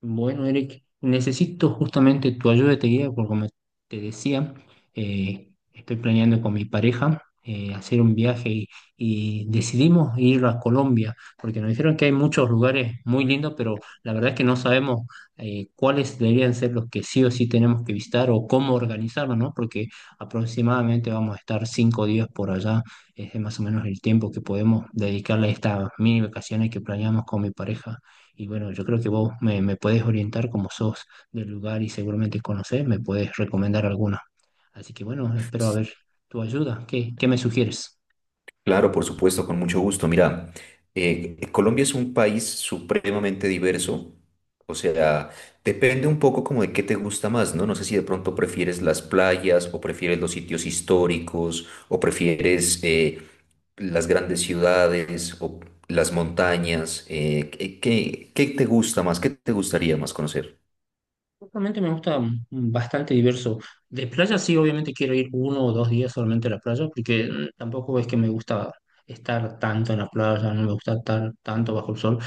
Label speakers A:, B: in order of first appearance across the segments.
A: Bueno, Eric, necesito justamente tu ayuda, te guía, porque como te decía, estoy planeando con mi pareja hacer un viaje y decidimos ir a Colombia, porque nos dijeron que hay muchos lugares muy lindos, pero la verdad es que no sabemos cuáles deberían ser los que sí o sí tenemos que visitar o cómo organizarnos, ¿no? Porque aproximadamente vamos a estar cinco días por allá, es más o menos el tiempo que podemos dedicarle a estas mini vacaciones que planeamos con mi pareja. Y bueno, yo creo que vos me puedes orientar como sos del lugar y seguramente conocés, me puedes recomendar alguna. Así que bueno, espero a ver tu ayuda. ¿Qué me sugieres?
B: Claro, por supuesto, con mucho gusto. Mira, Colombia es un país supremamente diverso, o sea, depende un poco como de qué te gusta más, ¿no? No sé si de pronto prefieres las playas o prefieres los sitios históricos o prefieres las grandes ciudades o las montañas. ¿Qué, qué te gusta más? ¿Qué te gustaría más conocer?
A: Realmente me gusta bastante diverso. De playa sí, obviamente quiero ir uno o dos días solamente a la playa, porque tampoco es que me gusta estar tanto en la playa, no me gusta estar tanto bajo el sol.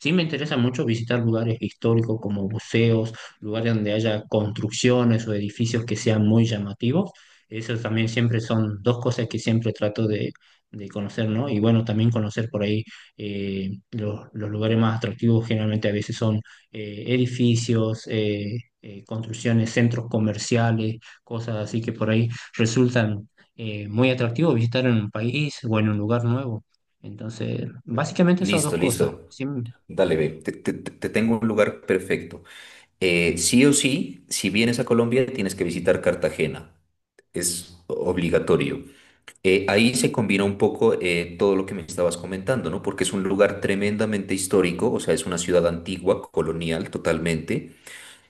A: Sí me interesa mucho visitar lugares históricos como museos, lugares donde haya construcciones o edificios que sean muy llamativos. Eso también siempre son dos cosas que siempre trato de conocer, ¿no? Y bueno, también conocer por ahí los lugares más atractivos generalmente a veces son edificios, construcciones, centros comerciales, cosas así que por ahí resultan muy atractivos visitar en un país o en un lugar nuevo. Entonces, básicamente esas dos
B: Listo,
A: cosas.
B: listo. Dale, ve. Te tengo un lugar perfecto. Sí o sí, si vienes a Colombia, tienes que visitar Cartagena. Es obligatorio. Ahí se combina un poco todo lo que me estabas comentando, ¿no? Porque es un lugar tremendamente histórico, o sea, es una ciudad antigua, colonial totalmente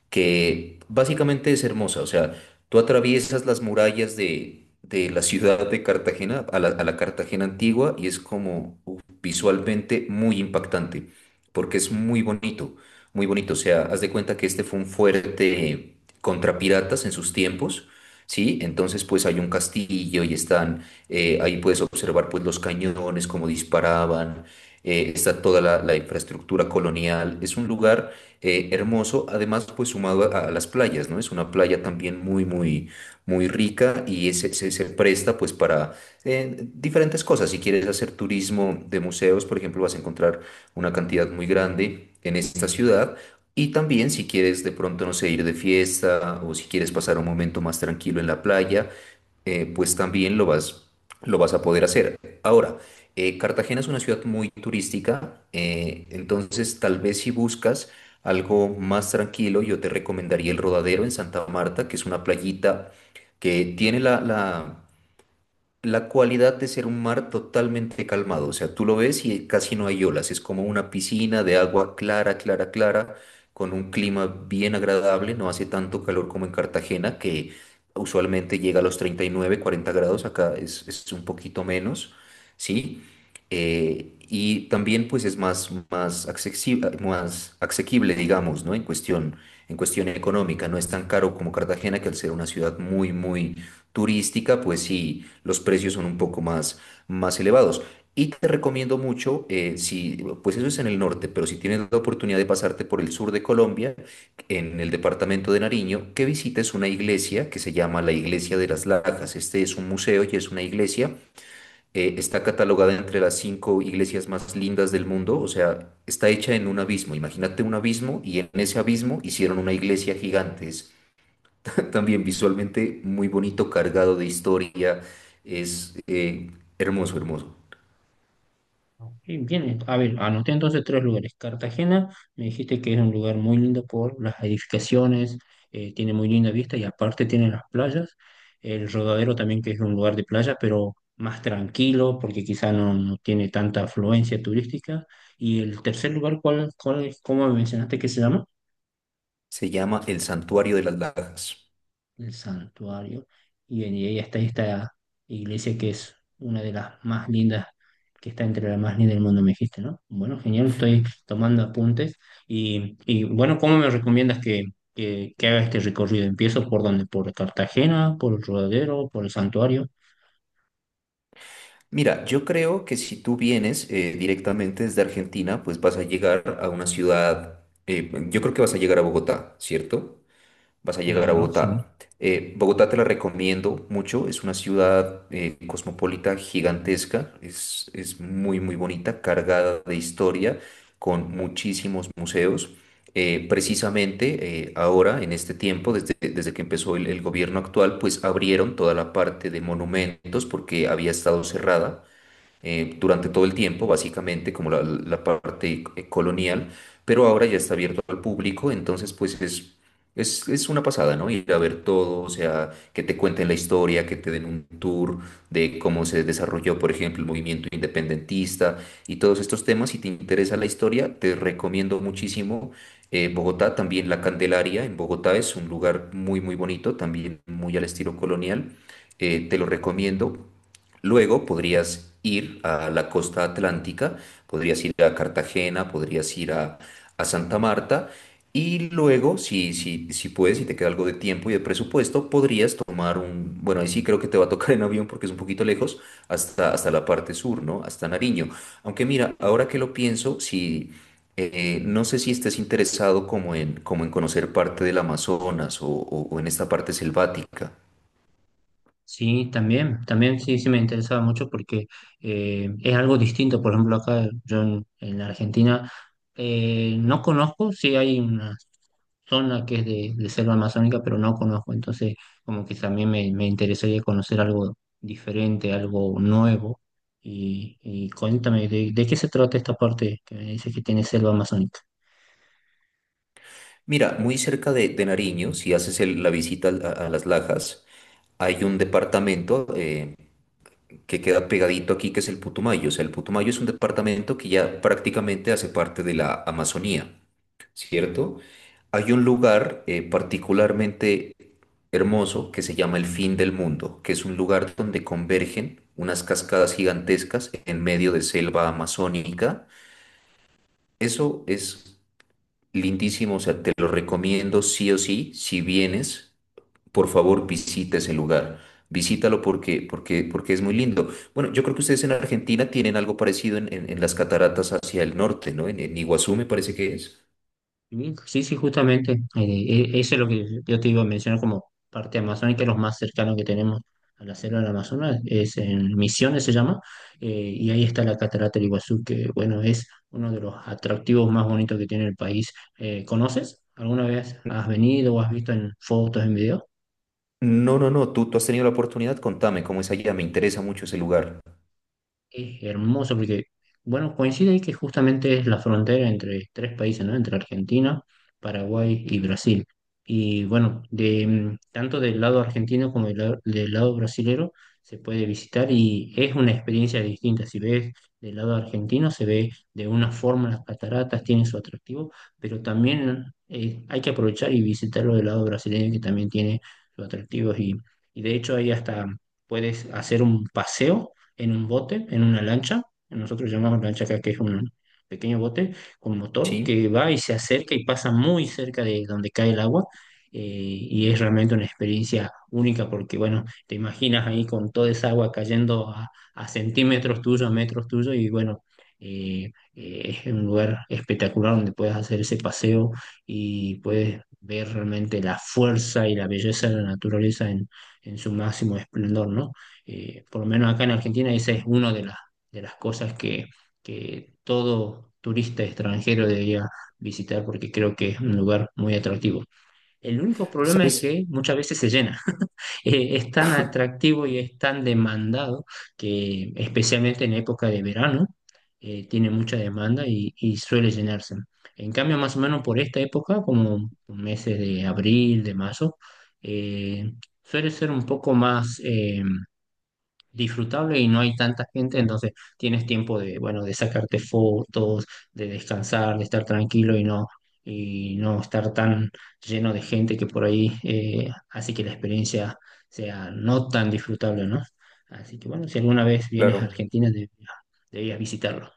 B: que básicamente es hermosa. O sea, tú atraviesas las murallas de la ciudad de Cartagena a a la Cartagena antigua y es como uf, visualmente muy impactante, porque es muy bonito, muy bonito. O sea, haz de cuenta que este fue un fuerte contra piratas en sus tiempos. Sí, entonces pues hay un castillo y están, ahí puedes observar pues los cañones, cómo disparaban, está toda la infraestructura colonial. Es un lugar hermoso, además pues sumado a las playas, ¿no? Es una playa también muy, muy, muy rica y se, se presta pues para diferentes cosas. Si quieres hacer turismo de museos, por ejemplo, vas a encontrar una cantidad muy grande en esta ciudad. Y también si quieres de pronto, no sé, ir de fiesta o si quieres pasar un momento más tranquilo en la playa, pues también lo vas a poder hacer. Ahora, Cartagena es una ciudad muy turística, entonces tal vez si buscas algo más tranquilo, yo te recomendaría el Rodadero en Santa Marta, que es una playita que tiene la cualidad de ser un mar totalmente calmado. O sea, tú lo ves y casi no hay olas. Es como una piscina de agua clara, clara, clara, con un clima bien agradable. No hace tanto calor como en Cartagena, que usualmente llega a los 39-40 grados. Acá es un poquito menos, ¿sí? Y también pues es más, más accesible, más asequible, digamos, ¿no? En cuestión económica. No es tan caro como Cartagena, que al ser una ciudad muy, muy turística, pues sí, los precios son un poco más, más elevados. Y te recomiendo mucho, si, pues eso es en el norte, pero si tienes la oportunidad de pasarte por el sur de Colombia, en el departamento de Nariño, que visites una iglesia que se llama la Iglesia de las Lajas. Este es un museo y es una iglesia. Está catalogada entre las 5 iglesias más lindas del mundo, o sea, está hecha en un abismo. Imagínate un abismo y en ese abismo hicieron una iglesia gigante. También visualmente muy bonito, cargado de historia. Es hermoso, hermoso.
A: Y viene, a ver, anoté entonces tres lugares. Cartagena, me dijiste que es un lugar muy lindo por las edificaciones, tiene muy linda vista y aparte tiene las playas. El Rodadero también, que es un lugar de playa, pero más tranquilo porque quizá no tiene tanta afluencia turística. Y el tercer lugar, cómo me mencionaste que se llama?
B: Se llama El Santuario de las Lajas.
A: El santuario, y, y ahí está esta iglesia que es una de las más lindas, que está entre las más lindas del mundo, me dijiste, ¿no? Bueno, genial, estoy tomando apuntes. Y bueno, ¿cómo me recomiendas que haga este recorrido? ¿Empiezo por dónde? ¿Por Cartagena? ¿Por el Rodadero? ¿Por el santuario?
B: Mira, yo creo que si tú vienes directamente desde Argentina, pues vas a llegar a una ciudad, yo creo que vas a llegar a Bogotá, ¿cierto? Vas a llegar a
A: Claro, sí.
B: Bogotá. Bogotá te la recomiendo mucho, es una ciudad cosmopolita gigantesca, es muy muy bonita, cargada de historia, con muchísimos museos. Precisamente ahora, en este tiempo, desde que empezó el gobierno actual, pues abrieron toda la parte de monumentos porque había estado cerrada durante todo el tiempo, básicamente, como la parte colonial, pero ahora ya está abierto al público, entonces pues es una pasada, ¿no? Ir a ver todo, o sea, que te cuenten la historia, que te den un tour de cómo se desarrolló, por ejemplo, el movimiento independentista y todos estos temas. Si te interesa la historia, te recomiendo muchísimo. Bogotá, también La Candelaria en Bogotá es un lugar muy, muy bonito, también muy al estilo colonial. Te lo recomiendo. Luego podrías ir a la costa atlántica, podrías ir a Cartagena, podrías ir a Santa Marta y luego, si, si, si puedes, si te queda algo de tiempo y de presupuesto, podrías tomar un, bueno, ahí sí creo que te va a tocar en avión porque es un poquito lejos, hasta, hasta la parte sur, ¿no? Hasta Nariño. Aunque mira, ahora que lo pienso, si... no sé si estés interesado como en, como en conocer parte del Amazonas o o en esta parte selvática.
A: Sí, también, también sí, sí me interesaba mucho porque es algo distinto. Por ejemplo, acá yo en Argentina no conozco, sí hay una zona que es de selva amazónica, pero no conozco. Entonces, como que también me interesaría conocer algo diferente, algo nuevo. Y cuéntame, ¿de qué se trata esta parte que me dice que tiene selva amazónica?
B: Mira, muy cerca de Nariño, si haces la visita a Las Lajas, hay un departamento que queda pegadito aquí, que es el Putumayo. O sea, el Putumayo es un departamento que ya prácticamente hace parte de la Amazonía, ¿cierto? Hay un lugar particularmente hermoso que se llama El Fin del Mundo, que es un lugar donde convergen unas cascadas gigantescas en medio de selva amazónica. Eso es lindísimo, o sea, te lo recomiendo sí o sí, si vienes. Por favor, visita ese lugar. Visítalo porque, porque, porque es muy lindo. Bueno, yo creo que ustedes en Argentina tienen algo parecido en, en las cataratas hacia el norte, ¿no? En Iguazú me parece que es.
A: Sí, sí, sí, justamente. Eso es lo que yo te iba a mencionar como parte amazónica, los más cercanos que tenemos a la selva del Amazonas, es en Misiones se llama, y ahí está la Catarata del Iguazú, que bueno, es uno de los atractivos más bonitos que tiene el país. ¿Conoces? ¿Alguna vez has venido o has visto en fotos, en videos?
B: No, no, no, tú has tenido la oportunidad, contame cómo es allá, me interesa mucho ese lugar.
A: Es hermoso porque, bueno, coincide ahí que justamente es la frontera entre tres países, ¿no? Entre Argentina, Paraguay y Brasil. Y bueno, de, tanto del lado argentino como del lado brasilero se puede visitar y es una experiencia distinta. Si ves del lado argentino, se ve de una forma las cataratas, tiene su atractivo, pero también hay que aprovechar y visitarlo del lado brasileño que también tiene sus atractivos y de hecho ahí hasta puedes hacer un paseo en un bote, en una lancha. Nosotros llamamos lancha acá, que es un pequeño bote con motor que
B: ¿Sí?
A: va y se acerca y pasa muy cerca de donde cae el agua. Y es realmente una experiencia única porque, bueno, te imaginas ahí con toda esa agua cayendo a centímetros tuyos, a metros tuyos y, bueno, es un lugar espectacular donde puedes hacer ese paseo y puedes ver realmente la fuerza y la belleza de la naturaleza en su máximo esplendor, ¿no? Por lo menos acá en Argentina, esa es una de las cosas que todo turista extranjero debería visitar porque creo que es un lugar muy atractivo. El único problema es
B: ¿Sabes?
A: que muchas veces se llena. Es tan atractivo y es tan demandado que especialmente en época de verano tiene mucha demanda y suele llenarse. En cambio, más o menos por esta época, como meses de abril, de mayo, eh, suele ser un poco más... disfrutable y no hay tanta gente, entonces tienes tiempo de, bueno, de sacarte fotos, de descansar, de estar tranquilo y y no estar tan lleno de gente que por ahí hace que la experiencia sea no tan disfrutable, ¿no? Así que bueno, si alguna vez vienes a
B: Claro.
A: Argentina, deberías visitarlo.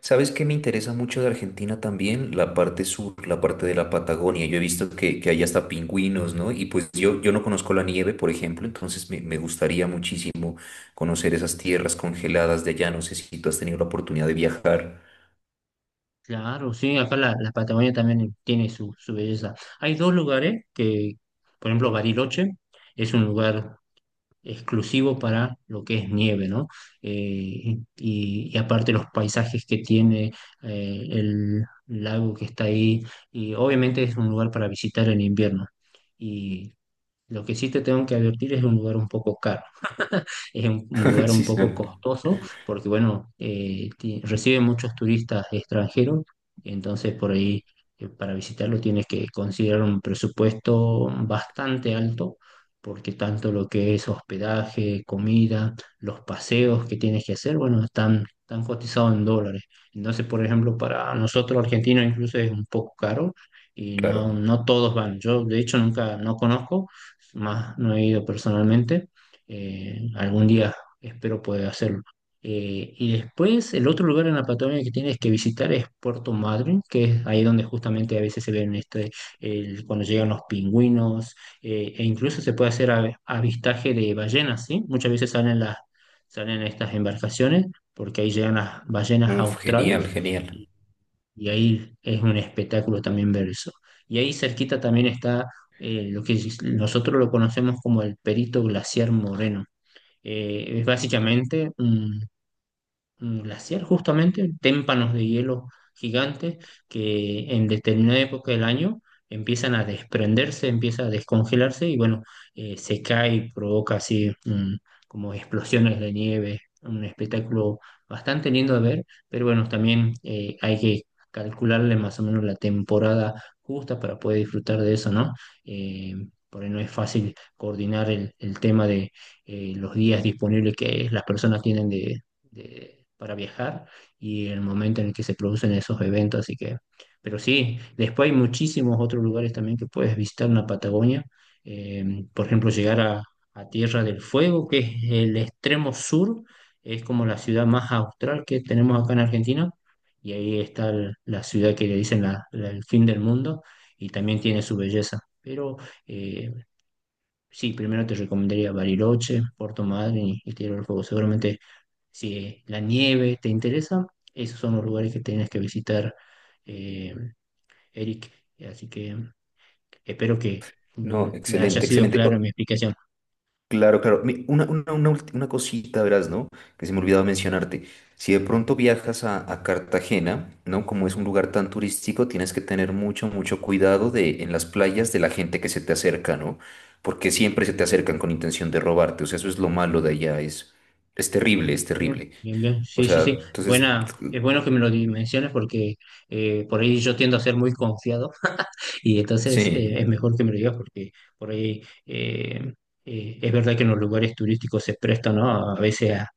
B: ¿Sabes qué me interesa mucho de Argentina también? La parte sur, la parte de la Patagonia. Yo he visto que hay hasta pingüinos, ¿no? Y pues yo no conozco la nieve, por ejemplo, entonces me gustaría muchísimo conocer esas tierras congeladas de allá. No sé si tú has tenido la oportunidad de viajar.
A: Claro, sí, acá la Patagonia también tiene su belleza. Hay dos lugares que, por ejemplo, Bariloche es un lugar exclusivo para lo que es nieve, ¿no? Y, y aparte los paisajes que tiene el lago que está ahí, y obviamente es un lugar para visitar en invierno. Y lo que sí te tengo que advertir es un lugar un poco caro, es un lugar un
B: Sí, sí,
A: poco costoso porque, bueno, recibe muchos turistas extranjeros, entonces por ahí para visitarlo tienes que considerar un presupuesto bastante alto porque tanto lo que es hospedaje, comida, los paseos que tienes que hacer, bueno, están, están cotizados en dólares. Entonces, por ejemplo, para nosotros argentinos incluso es un poco caro y
B: claro.
A: no todos van. Yo, de hecho, nunca, no conozco más no he ido personalmente. Algún día espero poder hacerlo. Y después, el otro lugar en la Patagonia que tienes que visitar es Puerto Madryn, que es ahí donde justamente a veces se ven este, cuando llegan los pingüinos, e incluso se puede hacer avistaje de ballenas, ¿sí? Muchas veces salen salen estas embarcaciones, porque ahí llegan las ballenas
B: Uf, genial,
A: australes
B: genial.
A: y ahí es un espectáculo también ver eso. Y ahí cerquita también está lo que nosotros lo conocemos como el Perito Glaciar Moreno. Es básicamente un glaciar justamente, témpanos de hielo gigantes que en determinada época del año empiezan a desprenderse, empieza a descongelarse y bueno, se cae y provoca así como explosiones de nieve, un espectáculo bastante lindo de ver, pero bueno, también hay que calcularle más o menos la temporada justa para poder disfrutar de eso, ¿no? Eh, por ahí no es fácil coordinar el tema de los días disponibles que las personas tienen de para viajar y el momento en el que se producen esos eventos. Así que, pero sí, después hay muchísimos otros lugares también que puedes visitar en la Patagonia. Por ejemplo, llegar a Tierra del Fuego, que es el extremo sur, es como la ciudad más austral que tenemos acá en Argentina. Y ahí está la ciudad que le dicen el fin del mundo y también tiene su belleza. Pero eh, sí, primero te recomendaría Bariloche, Puerto Madryn y Tierra del Fuego. Seguramente si la nieve te interesa, esos son los lugares que tienes que visitar, eh, Eric. Así que espero que
B: No,
A: me haya
B: excelente,
A: sido
B: excelente.
A: claro mi explicación.
B: Claro, claro. Una, una cosita, verás, ¿no? Que se me ha olvidado mencionarte. Si de pronto viajas a Cartagena, ¿no? Como es un lugar tan turístico, tienes que tener mucho, mucho cuidado de, en las playas de la gente que se te acerca, ¿no? Porque siempre se te acercan con intención de robarte. O sea, eso es lo malo de allá. Es terrible, es
A: Bien,
B: terrible.
A: bien, bien.
B: O
A: Sí, sí,
B: sea,
A: sí.
B: entonces,
A: Buena, es bueno que me lo dimensiones porque por ahí yo tiendo a ser muy confiado. Y entonces
B: sí,
A: es mejor que me lo digas porque por ahí es verdad que en los lugares turísticos se prestan, ¿no? A veces a-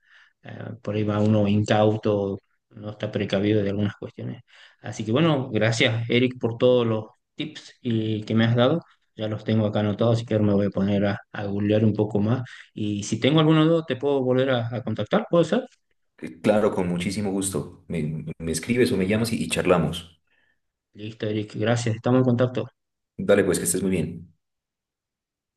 A: a- por ahí va uno incauto, no está precavido de algunas cuestiones. Así que bueno, gracias Eric por todos los tips y, que me has dado. Ya los tengo acá anotados, así que ahora me voy a poner a googlear un poco más. Y si tengo alguna duda, te puedo volver a contactar, ¿puede ser?
B: claro, con muchísimo gusto. Me escribes o me llamas y charlamos.
A: Listo, Eric, gracias. Estamos en contacto.
B: Dale, pues, que estés muy bien.